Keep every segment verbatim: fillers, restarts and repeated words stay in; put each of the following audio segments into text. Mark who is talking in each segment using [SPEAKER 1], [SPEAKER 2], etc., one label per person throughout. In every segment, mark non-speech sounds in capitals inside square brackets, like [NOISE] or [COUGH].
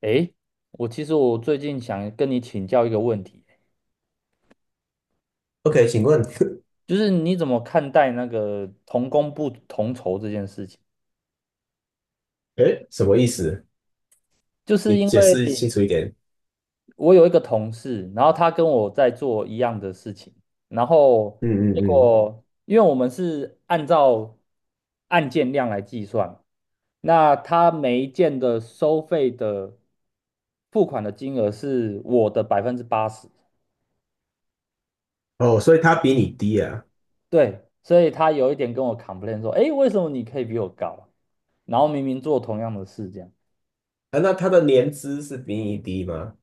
[SPEAKER 1] 诶，我其实我最近想跟你请教一个问题，
[SPEAKER 2] OK，请问。
[SPEAKER 1] 就是你怎么看待那个同工不同酬这件事情？
[SPEAKER 2] [LAUGHS] 诶，什么意思？
[SPEAKER 1] 就是
[SPEAKER 2] 你
[SPEAKER 1] 因
[SPEAKER 2] 解
[SPEAKER 1] 为
[SPEAKER 2] 释清楚一点。
[SPEAKER 1] 我有一个同事，然后他跟我在做一样的事情，然后
[SPEAKER 2] 嗯
[SPEAKER 1] 结
[SPEAKER 2] 嗯嗯。
[SPEAKER 1] 果因为我们是按照案件量来计算，那他每一件的收费的付款的金额是我的百分之八十。
[SPEAKER 2] 哦，所以他比你低啊？
[SPEAKER 1] 对，所以他有一点跟我 complain 说，诶，为什么你可以比我高啊，然后明明做同样的事，这样。
[SPEAKER 2] 啊，那他的年资是比你低吗？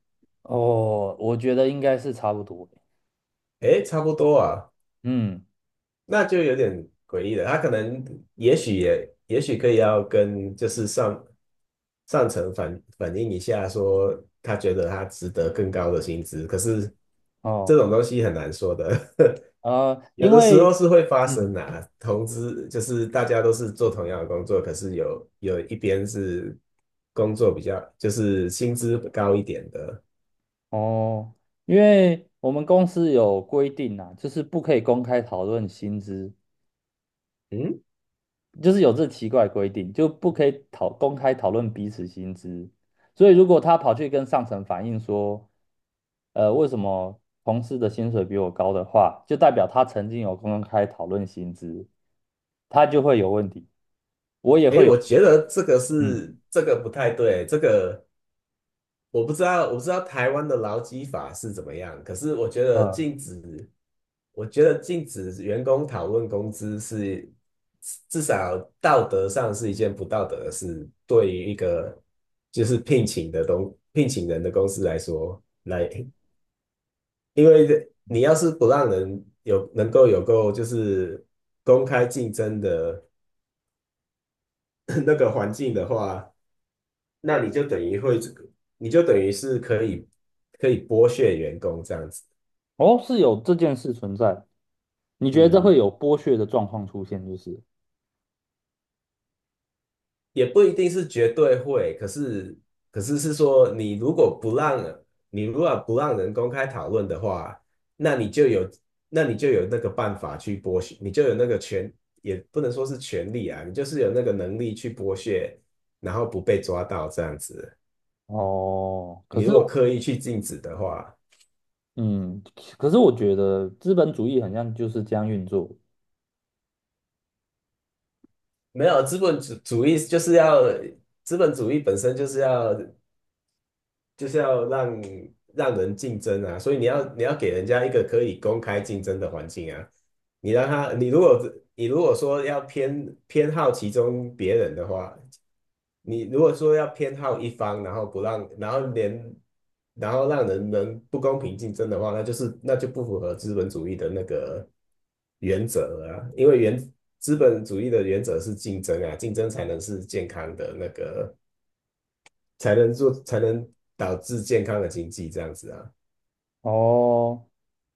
[SPEAKER 1] 哦，我觉得应该是差不多。
[SPEAKER 2] 诶，差不多啊，
[SPEAKER 1] 嗯。
[SPEAKER 2] 那就有点诡异了。他可能，也许也，也许可以要跟就是上上层反反映一下，说他觉得他值得更高的薪资。可是这
[SPEAKER 1] 哦。
[SPEAKER 2] 种东西很难说的。[LAUGHS]
[SPEAKER 1] 呃，
[SPEAKER 2] 有
[SPEAKER 1] 因
[SPEAKER 2] 的时候
[SPEAKER 1] 为，
[SPEAKER 2] 是会发生
[SPEAKER 1] 嗯。
[SPEAKER 2] 的啊，同资就是大家都是做同样的工作，可是有有一边是工作比较就是薪资高一点的，
[SPEAKER 1] 哦。因为我们公司有规定啊，就是不可以公开讨论薪资，
[SPEAKER 2] 嗯。
[SPEAKER 1] 就是有这奇怪规定，就不可以讨公开讨论彼此薪资。所以如果他跑去跟上层反映说，呃，为什么同事的薪水比我高的话，就代表他曾经有公开讨论薪资，他就会有问题，我也
[SPEAKER 2] 诶，
[SPEAKER 1] 会有。
[SPEAKER 2] 我觉得这个
[SPEAKER 1] 嗯。
[SPEAKER 2] 是这个不太对，这个我不知道，我不知道台湾的劳基法是怎么样。可是我觉得
[SPEAKER 1] 呃，
[SPEAKER 2] 禁止，我觉得禁止员工讨论工资是至少道德上是一件不道德的事。对于一个就是聘请的东聘请人的公司来说，来，因为你要是不让人有能够有够就是公开竞争的 [COUGHS] [CLEARS THROAT] 那个环境的话，那你就等于会，你就等于是可以可以剥削员工这样子。
[SPEAKER 1] 哦，是有这件事存在，你觉得这
[SPEAKER 2] 嗯，
[SPEAKER 1] 会有剥削的状况出现，就是。
[SPEAKER 2] 也不一定是绝对会，可是可是是说，你如果不让你如果不让人公开讨论的话，那你就有那你就有那个办法去剥削。你就有那个权，也不能说是权利啊，你就是有那个能力去剥削，然后不被抓到这样子。
[SPEAKER 1] 哦。可
[SPEAKER 2] 你
[SPEAKER 1] 是。
[SPEAKER 2] 如果刻意去禁止的话，
[SPEAKER 1] 嗯。可是我觉得资本主义好像就是这样运作。
[SPEAKER 2] 没有资本主主义就是要资本主义本身就是要就是要让让人竞争啊，所以你要你要给人家一个可以公开竞争的环境啊。你让他，你如果你如果说要偏偏好其中别人的话，你如果说要偏好一方，然后不让，然后连然后让人们不公平竞争的话，那就是那就不符合资本主义的那个原则了啊，因为原资本主义的原则是竞争啊。竞争才能是健康的那个才能做，才能导致健康的经济这样子啊。
[SPEAKER 1] 哦，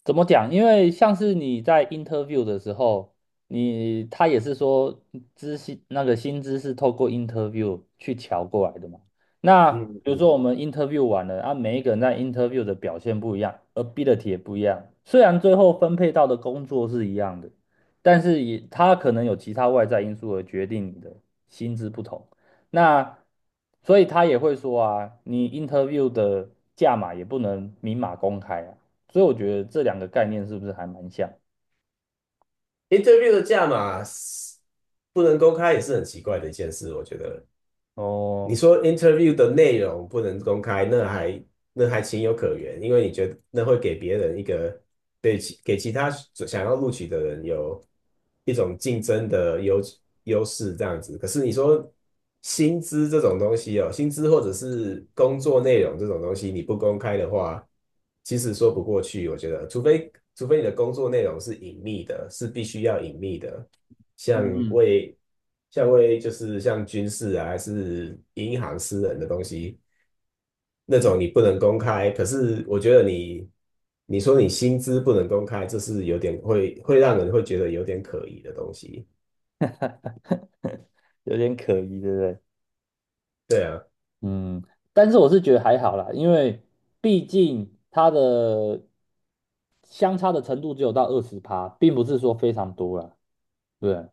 [SPEAKER 1] 怎么讲？因为像是你在 interview 的时候，你他也是说知薪那个薪资是透过 interview 去调过来的嘛。那
[SPEAKER 2] 嗯
[SPEAKER 1] 比如
[SPEAKER 2] 嗯，
[SPEAKER 1] 说我们 interview 完了，啊，每一个人在 interview 的表现不一样，ability 也不一样。虽然最后分配到的工作是一样的，但是也他可能有其他外在因素而决定你的薪资不同。那所以他也会说啊，你 interview 的价码也不能明码公开啊。所以我觉得这两个概念是不是还蛮像？
[SPEAKER 2] interview 的价码是不能公开也是很奇怪的一件事，我觉得。你
[SPEAKER 1] 哦。
[SPEAKER 2] 说 interview 的内容不能公开，那还那还情有可原，因为你觉得那会给别人一个对其给其他想要录取的人有一种竞争的优优势这样子。可是你说薪资这种东西哦，薪资或者是工作内容这种东西，你不公开的话，其实说不过去。我觉得，除非除非你的工作内容是隐秘的，是必须要隐秘的，像
[SPEAKER 1] 嗯嗯。
[SPEAKER 2] 为像为就是像军事啊，还是银行、私人的东西，那种你不能公开。可是我觉得你，你说你薪资不能公开，这是有点会会让人会觉得有点可疑的东西。
[SPEAKER 1] [LAUGHS] 有点可疑，对不对？
[SPEAKER 2] 对啊，
[SPEAKER 1] 嗯，但是我是觉得还好啦，因为毕竟它的相差的程度只有到二十趴，并不是说非常多啦，对不对？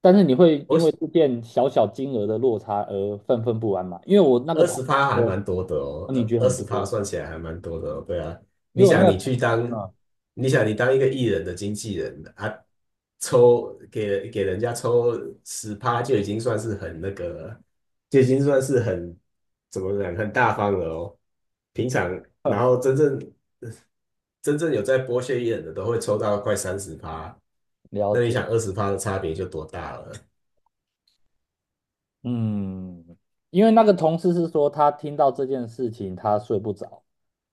[SPEAKER 1] 但是你会因为
[SPEAKER 2] 我
[SPEAKER 1] 这件小小金额的落差而愤愤不安嘛？因为我那个
[SPEAKER 2] 二
[SPEAKER 1] 同
[SPEAKER 2] 十趴
[SPEAKER 1] 学
[SPEAKER 2] 还
[SPEAKER 1] 说，
[SPEAKER 2] 蛮多的哦，
[SPEAKER 1] 哦，你觉得
[SPEAKER 2] 二
[SPEAKER 1] 很
[SPEAKER 2] 十趴
[SPEAKER 1] 多，
[SPEAKER 2] 算起来还蛮多的哦。对啊，
[SPEAKER 1] 因
[SPEAKER 2] 你
[SPEAKER 1] 为我那
[SPEAKER 2] 想你
[SPEAKER 1] 个，
[SPEAKER 2] 去当，
[SPEAKER 1] 嗯。
[SPEAKER 2] 你想你当一个艺人的经纪人啊，抽给给人家抽十趴就已经算是很那个了，就已经算是很怎么讲，很大方了哦。平常然后
[SPEAKER 1] [LAUGHS]
[SPEAKER 2] 真正真正有在剥削艺人的都会抽到快三十趴，
[SPEAKER 1] 了
[SPEAKER 2] 那你
[SPEAKER 1] 解。
[SPEAKER 2] 想二十趴的差别就多大了？
[SPEAKER 1] 嗯。因为那个同事是说他听到这件事情他睡不着，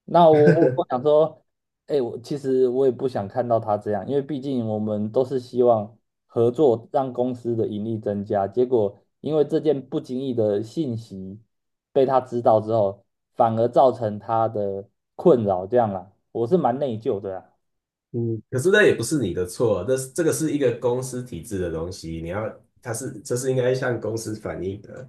[SPEAKER 1] 那我我我想说，哎，我其实我也不想看到他这样，因为毕竟我们都是希望合作让公司的盈利增加，结果因为这件不经意的信息被他知道之后，反而造成他的困扰，这样啦，我是蛮内疚的啊。
[SPEAKER 2] 嗯，可是那也不是你的错，这是这个是一个公司体制的东西。你要，他是这是应该向公司反映的。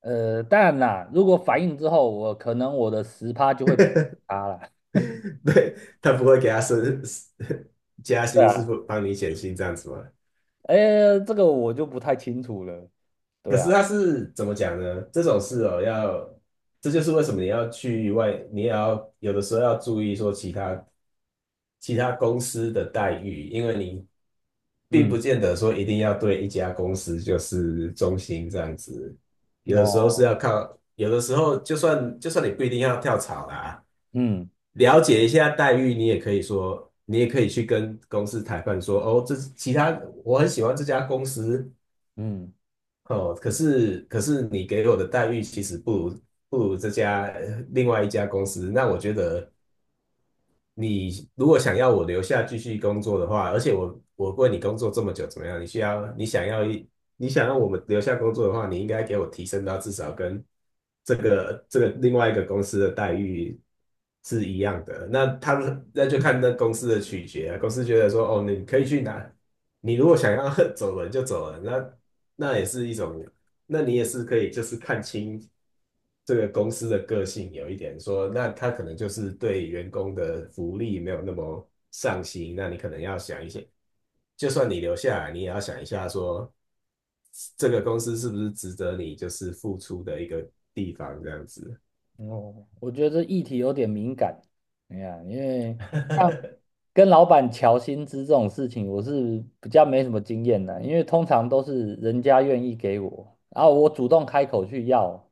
[SPEAKER 1] 呃，当然啦，如果反应之后，我可能我的十趴就会补他啦。
[SPEAKER 2] [LAUGHS] 对，他不会给他升 [LAUGHS] 加
[SPEAKER 1] 对
[SPEAKER 2] 薪，是
[SPEAKER 1] 啊。
[SPEAKER 2] 不帮你减薪这样子吗？
[SPEAKER 1] 哎，这个我就不太清楚了。
[SPEAKER 2] 可
[SPEAKER 1] 对
[SPEAKER 2] 是
[SPEAKER 1] 啊。
[SPEAKER 2] 他是怎么讲呢？这种事哦，要这就是为什么你要去外，你也要有的时候要注意说其他其他公司的待遇，因为你并不
[SPEAKER 1] 嗯。
[SPEAKER 2] 见得说一定要对一家公司就是忠心这样子。有的时候是
[SPEAKER 1] 哦。
[SPEAKER 2] 要靠，有的时候就算就算你不一定要跳槽啦，
[SPEAKER 1] 嗯
[SPEAKER 2] 了解一下待遇。你也可以说，你也可以去跟公司谈判说，哦，这其他我很喜欢这家公司。
[SPEAKER 1] 嗯。
[SPEAKER 2] 哦，可是可是你给我的待遇其实不如不如这家呃另外一家公司。那我觉得你如果想要我留下继续工作的话，而且我我为你工作这么久，怎么样？你需要你想要一你想要我们留下工作的话，你应该给我提升到至少跟这个这个另外一个公司的待遇是一样的。那他们那就看那公司的取决啊，公司觉得说哦，你可以去哪你如果想要 [LAUGHS] 走人就走人。那那也是一种，那你也是可以就是看清这个公司的个性有一点说，那他可能就是对员工的福利没有那么上心。那你可能要想一些，就算你留下来，你也要想一下说，这个公司是不是值得你就是付出的一个地方这样子。
[SPEAKER 1] 哦，我觉得这议题有点敏感。哎呀，因为像跟老板调薪资这种事情，我是比较没什么经验的，因为通常都是人家愿意给我，然后我主动开口去要，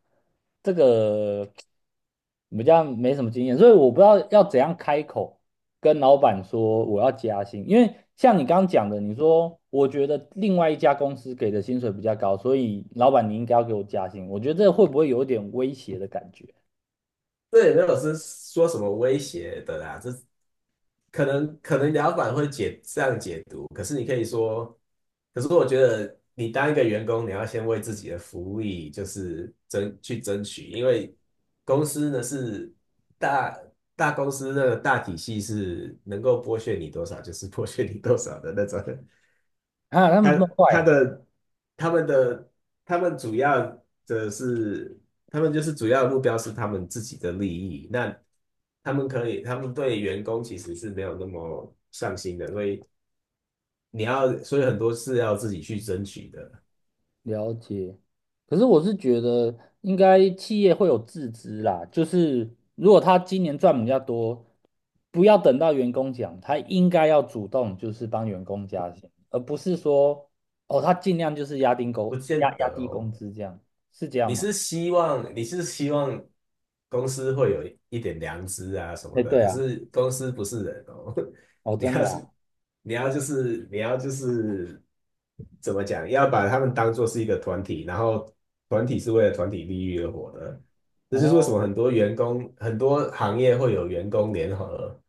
[SPEAKER 1] 这个比较没什么经验，所以我不知道要怎样开口跟老板说我要加薪，因为像你刚刚讲的，你说我觉得另外一家公司给的薪水比较高，所以老板你应该要给我加薪，我觉得这会不会有一点威胁的感觉
[SPEAKER 2] 这也没有是说什么威胁的啦，这可能可能老板会解这样解读。可是你可以说，可是我觉得你当一个员工，你要先为自己的福利就是争去争取，因为公司呢是大大公司的大体系是能够剥削你多少就是剥削你多少的那种。
[SPEAKER 1] 啊？他们这
[SPEAKER 2] 他
[SPEAKER 1] 么坏
[SPEAKER 2] 他
[SPEAKER 1] 啊！
[SPEAKER 2] 的他们的他们主要的是，他们就是主要的目标是他们自己的利益。那他们可以，他们对员工其实是没有那么上心的，所以你要，所以很多是要自己去争取的，
[SPEAKER 1] 了解。可是我是觉得应该企业会有自知啦，就是如果他今年赚比较多，不要等到员工讲，他应该要主动就是帮员工加薪，而不是说哦他尽量就是压低
[SPEAKER 2] 不
[SPEAKER 1] 工压
[SPEAKER 2] 见得
[SPEAKER 1] 压低
[SPEAKER 2] 哦。
[SPEAKER 1] 工资这样，是这样
[SPEAKER 2] 你
[SPEAKER 1] 吗？
[SPEAKER 2] 是希望你是希望公司会有一点良知啊什么
[SPEAKER 1] 哎，
[SPEAKER 2] 的，
[SPEAKER 1] 对
[SPEAKER 2] 可
[SPEAKER 1] 啊。
[SPEAKER 2] 是公司不是人哦。[LAUGHS]
[SPEAKER 1] 哦
[SPEAKER 2] 你
[SPEAKER 1] 真
[SPEAKER 2] 要
[SPEAKER 1] 的啊。
[SPEAKER 2] 是你要就是你要就是怎么讲，要把他们当做是一个团体，然后团体是为了团体利益而活的，这就是为什
[SPEAKER 1] 哦。
[SPEAKER 2] 么很多员工、很多行业会有员工联合，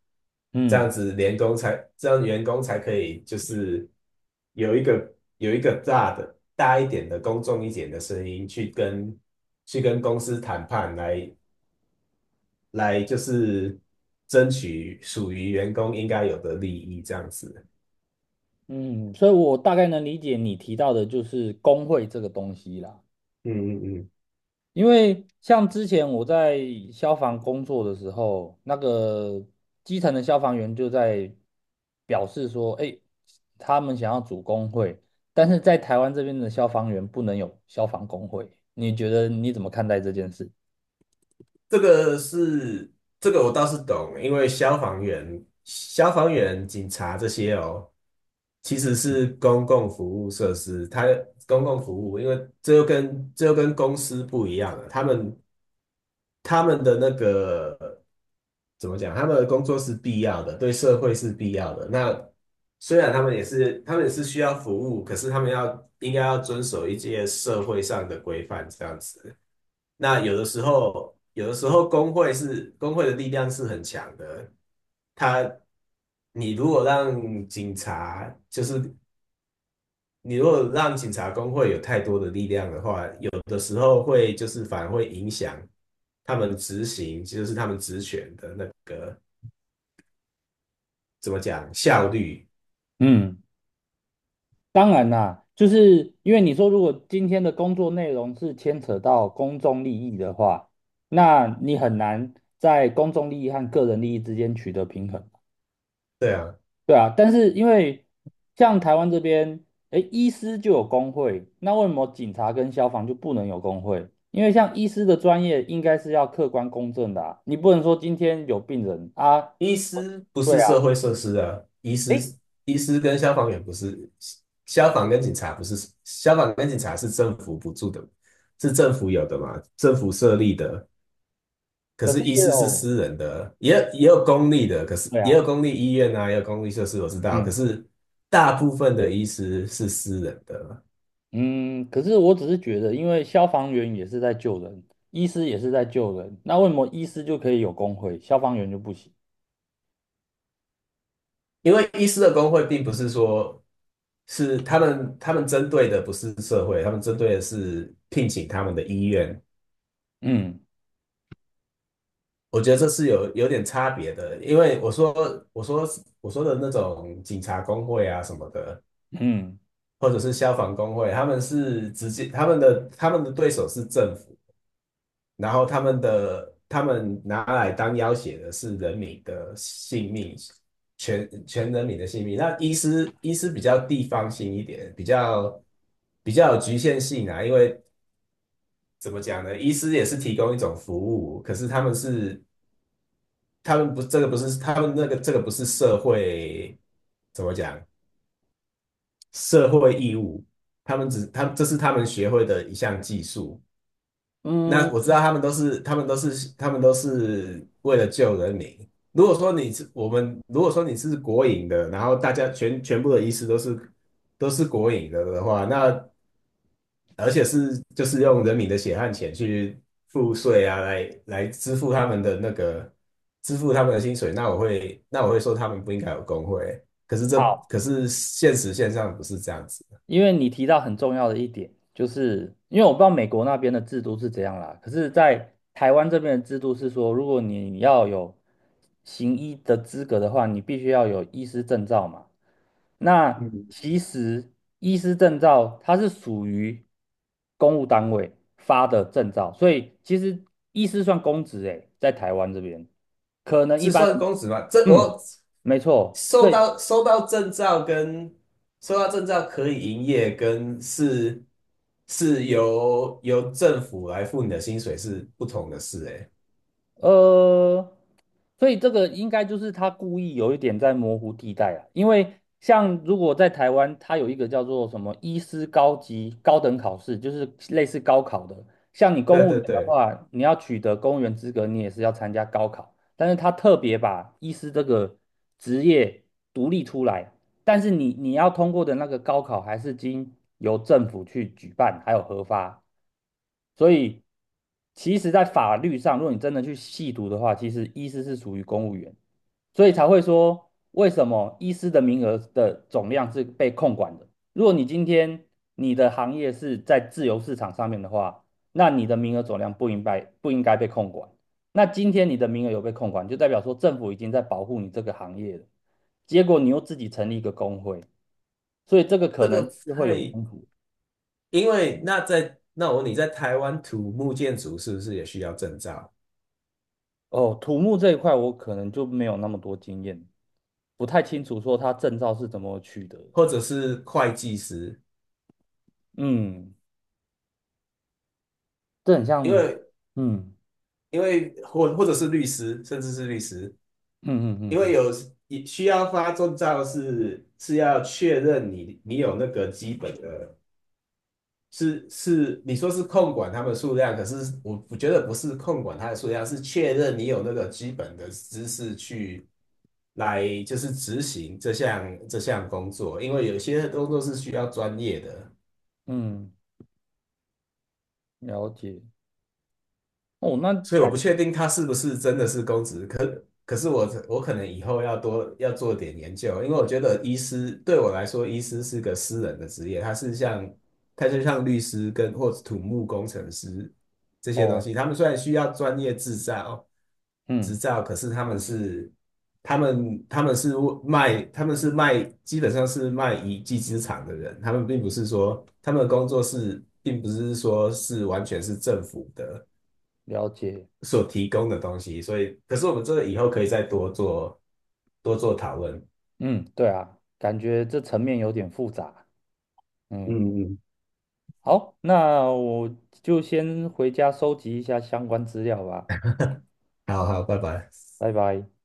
[SPEAKER 2] 这
[SPEAKER 1] 嗯
[SPEAKER 2] 样子联工才这样员工才可以就是有一个有一个大的大一点的公众一点的声音去跟去跟公司谈判来来就是争取属于员工应该有的利益这样子。
[SPEAKER 1] 嗯。所以我大概能理解你提到的就是工会这个东西啦。
[SPEAKER 2] 嗯嗯嗯。
[SPEAKER 1] 因为像之前我在消防工作的时候，那个基层的消防员就在表示说，哎，他们想要组工会，但是在台湾这边的消防员不能有消防工会。你觉得你怎么看待这件事？
[SPEAKER 2] 这个是这个我倒是懂，因为消防员、消防员、警察这些哦，其实是公共服务设施。它公共服务，因为这又跟这又跟公司不一样了，他们他们的那个怎么讲？他们的工作是必要的，对社会是必要的。那虽然他们也是他们也是需要服务，可是他们要应该要遵守一些社会上的规范，这样子。那有的时候，有的时候工会是工会的力量是很强的。他，你如果让警察，就是你如果让警察工会有太多的力量的话，有的时候会就是反而会影响他们执行，就是他们职权的那个怎么讲，效率。
[SPEAKER 1] 嗯，当然啦，就是因为你说如果今天的工作内容是牵扯到公众利益的话，那你很难在公众利益和个人利益之间取得平衡。
[SPEAKER 2] 对啊。
[SPEAKER 1] 对啊，但是因为像台湾这边，诶，医师就有工会，那为什么警察跟消防就不能有工会？因为像医师的专业应该是要客观公正的啊，你不能说今天有病人啊，
[SPEAKER 2] 医师不是
[SPEAKER 1] 对啊，
[SPEAKER 2] 社会设施啊，医师
[SPEAKER 1] 诶，
[SPEAKER 2] 医师跟消防员不是，消防跟警察不是，消防跟警察是政府补助的，是政府有的嘛，政府设立的。可
[SPEAKER 1] 可是
[SPEAKER 2] 是医
[SPEAKER 1] 也
[SPEAKER 2] 师是
[SPEAKER 1] 有，
[SPEAKER 2] 私人的，也有也有公立的，可是
[SPEAKER 1] 对
[SPEAKER 2] 也有
[SPEAKER 1] 啊。
[SPEAKER 2] 公立医院啊，也有公立设施，我知道。可
[SPEAKER 1] 嗯
[SPEAKER 2] 是大部分的医师是私人的，
[SPEAKER 1] 嗯。可是我只是觉得，因为消防员也是在救人，医师也是在救人，那为什么医师就可以有工会，消防员就不行？
[SPEAKER 2] 因为医师的工会并不是说是他们他们针对的不是社会，他们针对的是聘请他们的医院。
[SPEAKER 1] 嗯
[SPEAKER 2] 我觉得这是有有点差别的，因为我说我说我说的那种警察工会啊什么的，
[SPEAKER 1] 嗯
[SPEAKER 2] 或者是消防工会，他们是直接他们的他们的对手是政府，然后他们的他们拿来当要挟的是人民的性命，全全人民的性命。那医师医师比较地方性一点，比较比较有局限性啊。因为怎么讲呢？医师也是提供一种服务，可是他们是他们不，这个不是他们那个这个不是社会怎么讲，社会义务，他们只他这是他们学会的一项技术。
[SPEAKER 1] 嗯。
[SPEAKER 2] 那我知道他们都是他们都是他们都是为了救人民。如果说你是我们，如果说你是国营的，然后大家全全部的医师都是都是国营的的话，那而且是就是用人民的血汗钱去付税啊，来来支付他们的那个支付他们的薪水。那我会那我会说他们不应该有工会，可是这
[SPEAKER 1] 好。
[SPEAKER 2] 可是现实现象不是这样子。
[SPEAKER 1] 因为你提到很重要的一点，就是因为我不知道美国那边的制度是怎样啦，可是，在台湾这边的制度是说，如果你要有行医的资格的话，你必须要有医师证照嘛。那
[SPEAKER 2] 嗯，
[SPEAKER 1] 其实医师证照它是属于公务单位发的证照，所以其实医师算公职诶，在台湾这边，可能一
[SPEAKER 2] 是
[SPEAKER 1] 般
[SPEAKER 2] 算
[SPEAKER 1] 人，
[SPEAKER 2] 工资吗？这
[SPEAKER 1] 嗯。
[SPEAKER 2] 我
[SPEAKER 1] 没错。
[SPEAKER 2] 收
[SPEAKER 1] 对。
[SPEAKER 2] 到收到证照跟收到证照可以营业，跟是是由由政府来付你的薪水是不同的事、欸，哎，
[SPEAKER 1] 呃，所以这个应该就是他故意有一点在模糊地带啊，因为像如果在台湾，它有一个叫做什么医师高级高等考试，就是类似高考的。像你
[SPEAKER 2] 对
[SPEAKER 1] 公务员
[SPEAKER 2] 对
[SPEAKER 1] 的
[SPEAKER 2] 对，
[SPEAKER 1] 话，你要取得公务员资格，你也是要参加高考，但是他特别把医师这个职业独立出来，但是你你要通过的那个高考还是经由政府去举办，还有核发。所以，其实，在法律上，如果你真的去细读的话，其实医师是属于公务员，所以才会说为什么医师的名额的总量是被控管的。如果你今天你的行业是在自由市场上面的话，那你的名额总量不应该不应该被控管。那今天你的名额有被控管，就代表说政府已经在保护你这个行业了。结果你又自己成立一个工会，所以这个可
[SPEAKER 2] 这个
[SPEAKER 1] 能就会有
[SPEAKER 2] 太
[SPEAKER 1] 冲突。
[SPEAKER 2] 因为那在那我问你在台湾土木建筑是不是也需要证照，
[SPEAKER 1] 哦，土木这一块我可能就没有那么多经验，不太清楚说它证照是怎么取得的。
[SPEAKER 2] 或者是会计师？
[SPEAKER 1] 嗯，这很
[SPEAKER 2] 因
[SPEAKER 1] 像。
[SPEAKER 2] 为
[SPEAKER 1] 嗯
[SPEAKER 2] 因为或或者是律师，甚至是律师，
[SPEAKER 1] 嗯嗯嗯
[SPEAKER 2] 因为
[SPEAKER 1] 嗯
[SPEAKER 2] 有你需要发证照是是要确认你你有那个基本的是是，你说是控管他们数量，可是我我觉得不是控管他的数量，是确认你有那个基本的知识去来就是执行这项这项工作，因为有些工作是需要专业的。
[SPEAKER 1] 嗯。了解。哦，那
[SPEAKER 2] 所以我
[SPEAKER 1] 感
[SPEAKER 2] 不确定他是不是真的是公职，可可是我我可能以后要多要做点研究，因为我觉得医师对我来说，医师是个私人的职业，他是像他就像律师跟或者土木工程师这些东
[SPEAKER 1] 哦。
[SPEAKER 2] 西。他们虽然需要专业执照执
[SPEAKER 1] 嗯。
[SPEAKER 2] 照，可是他们是他们他们是卖他们是卖基本上是卖一技之长的人，他们并不是说他们的工作是并不是说是完全是政府的。
[SPEAKER 1] 了解。
[SPEAKER 2] 所提供的东西，所以可是我们这个以后可以再多做多做讨论。
[SPEAKER 1] 嗯，对啊，感觉这层面有点复杂。嗯。
[SPEAKER 2] 嗯嗯，
[SPEAKER 1] 好，那我就先回家收集一下相关资料吧。
[SPEAKER 2] 好好，拜拜。
[SPEAKER 1] 拜拜。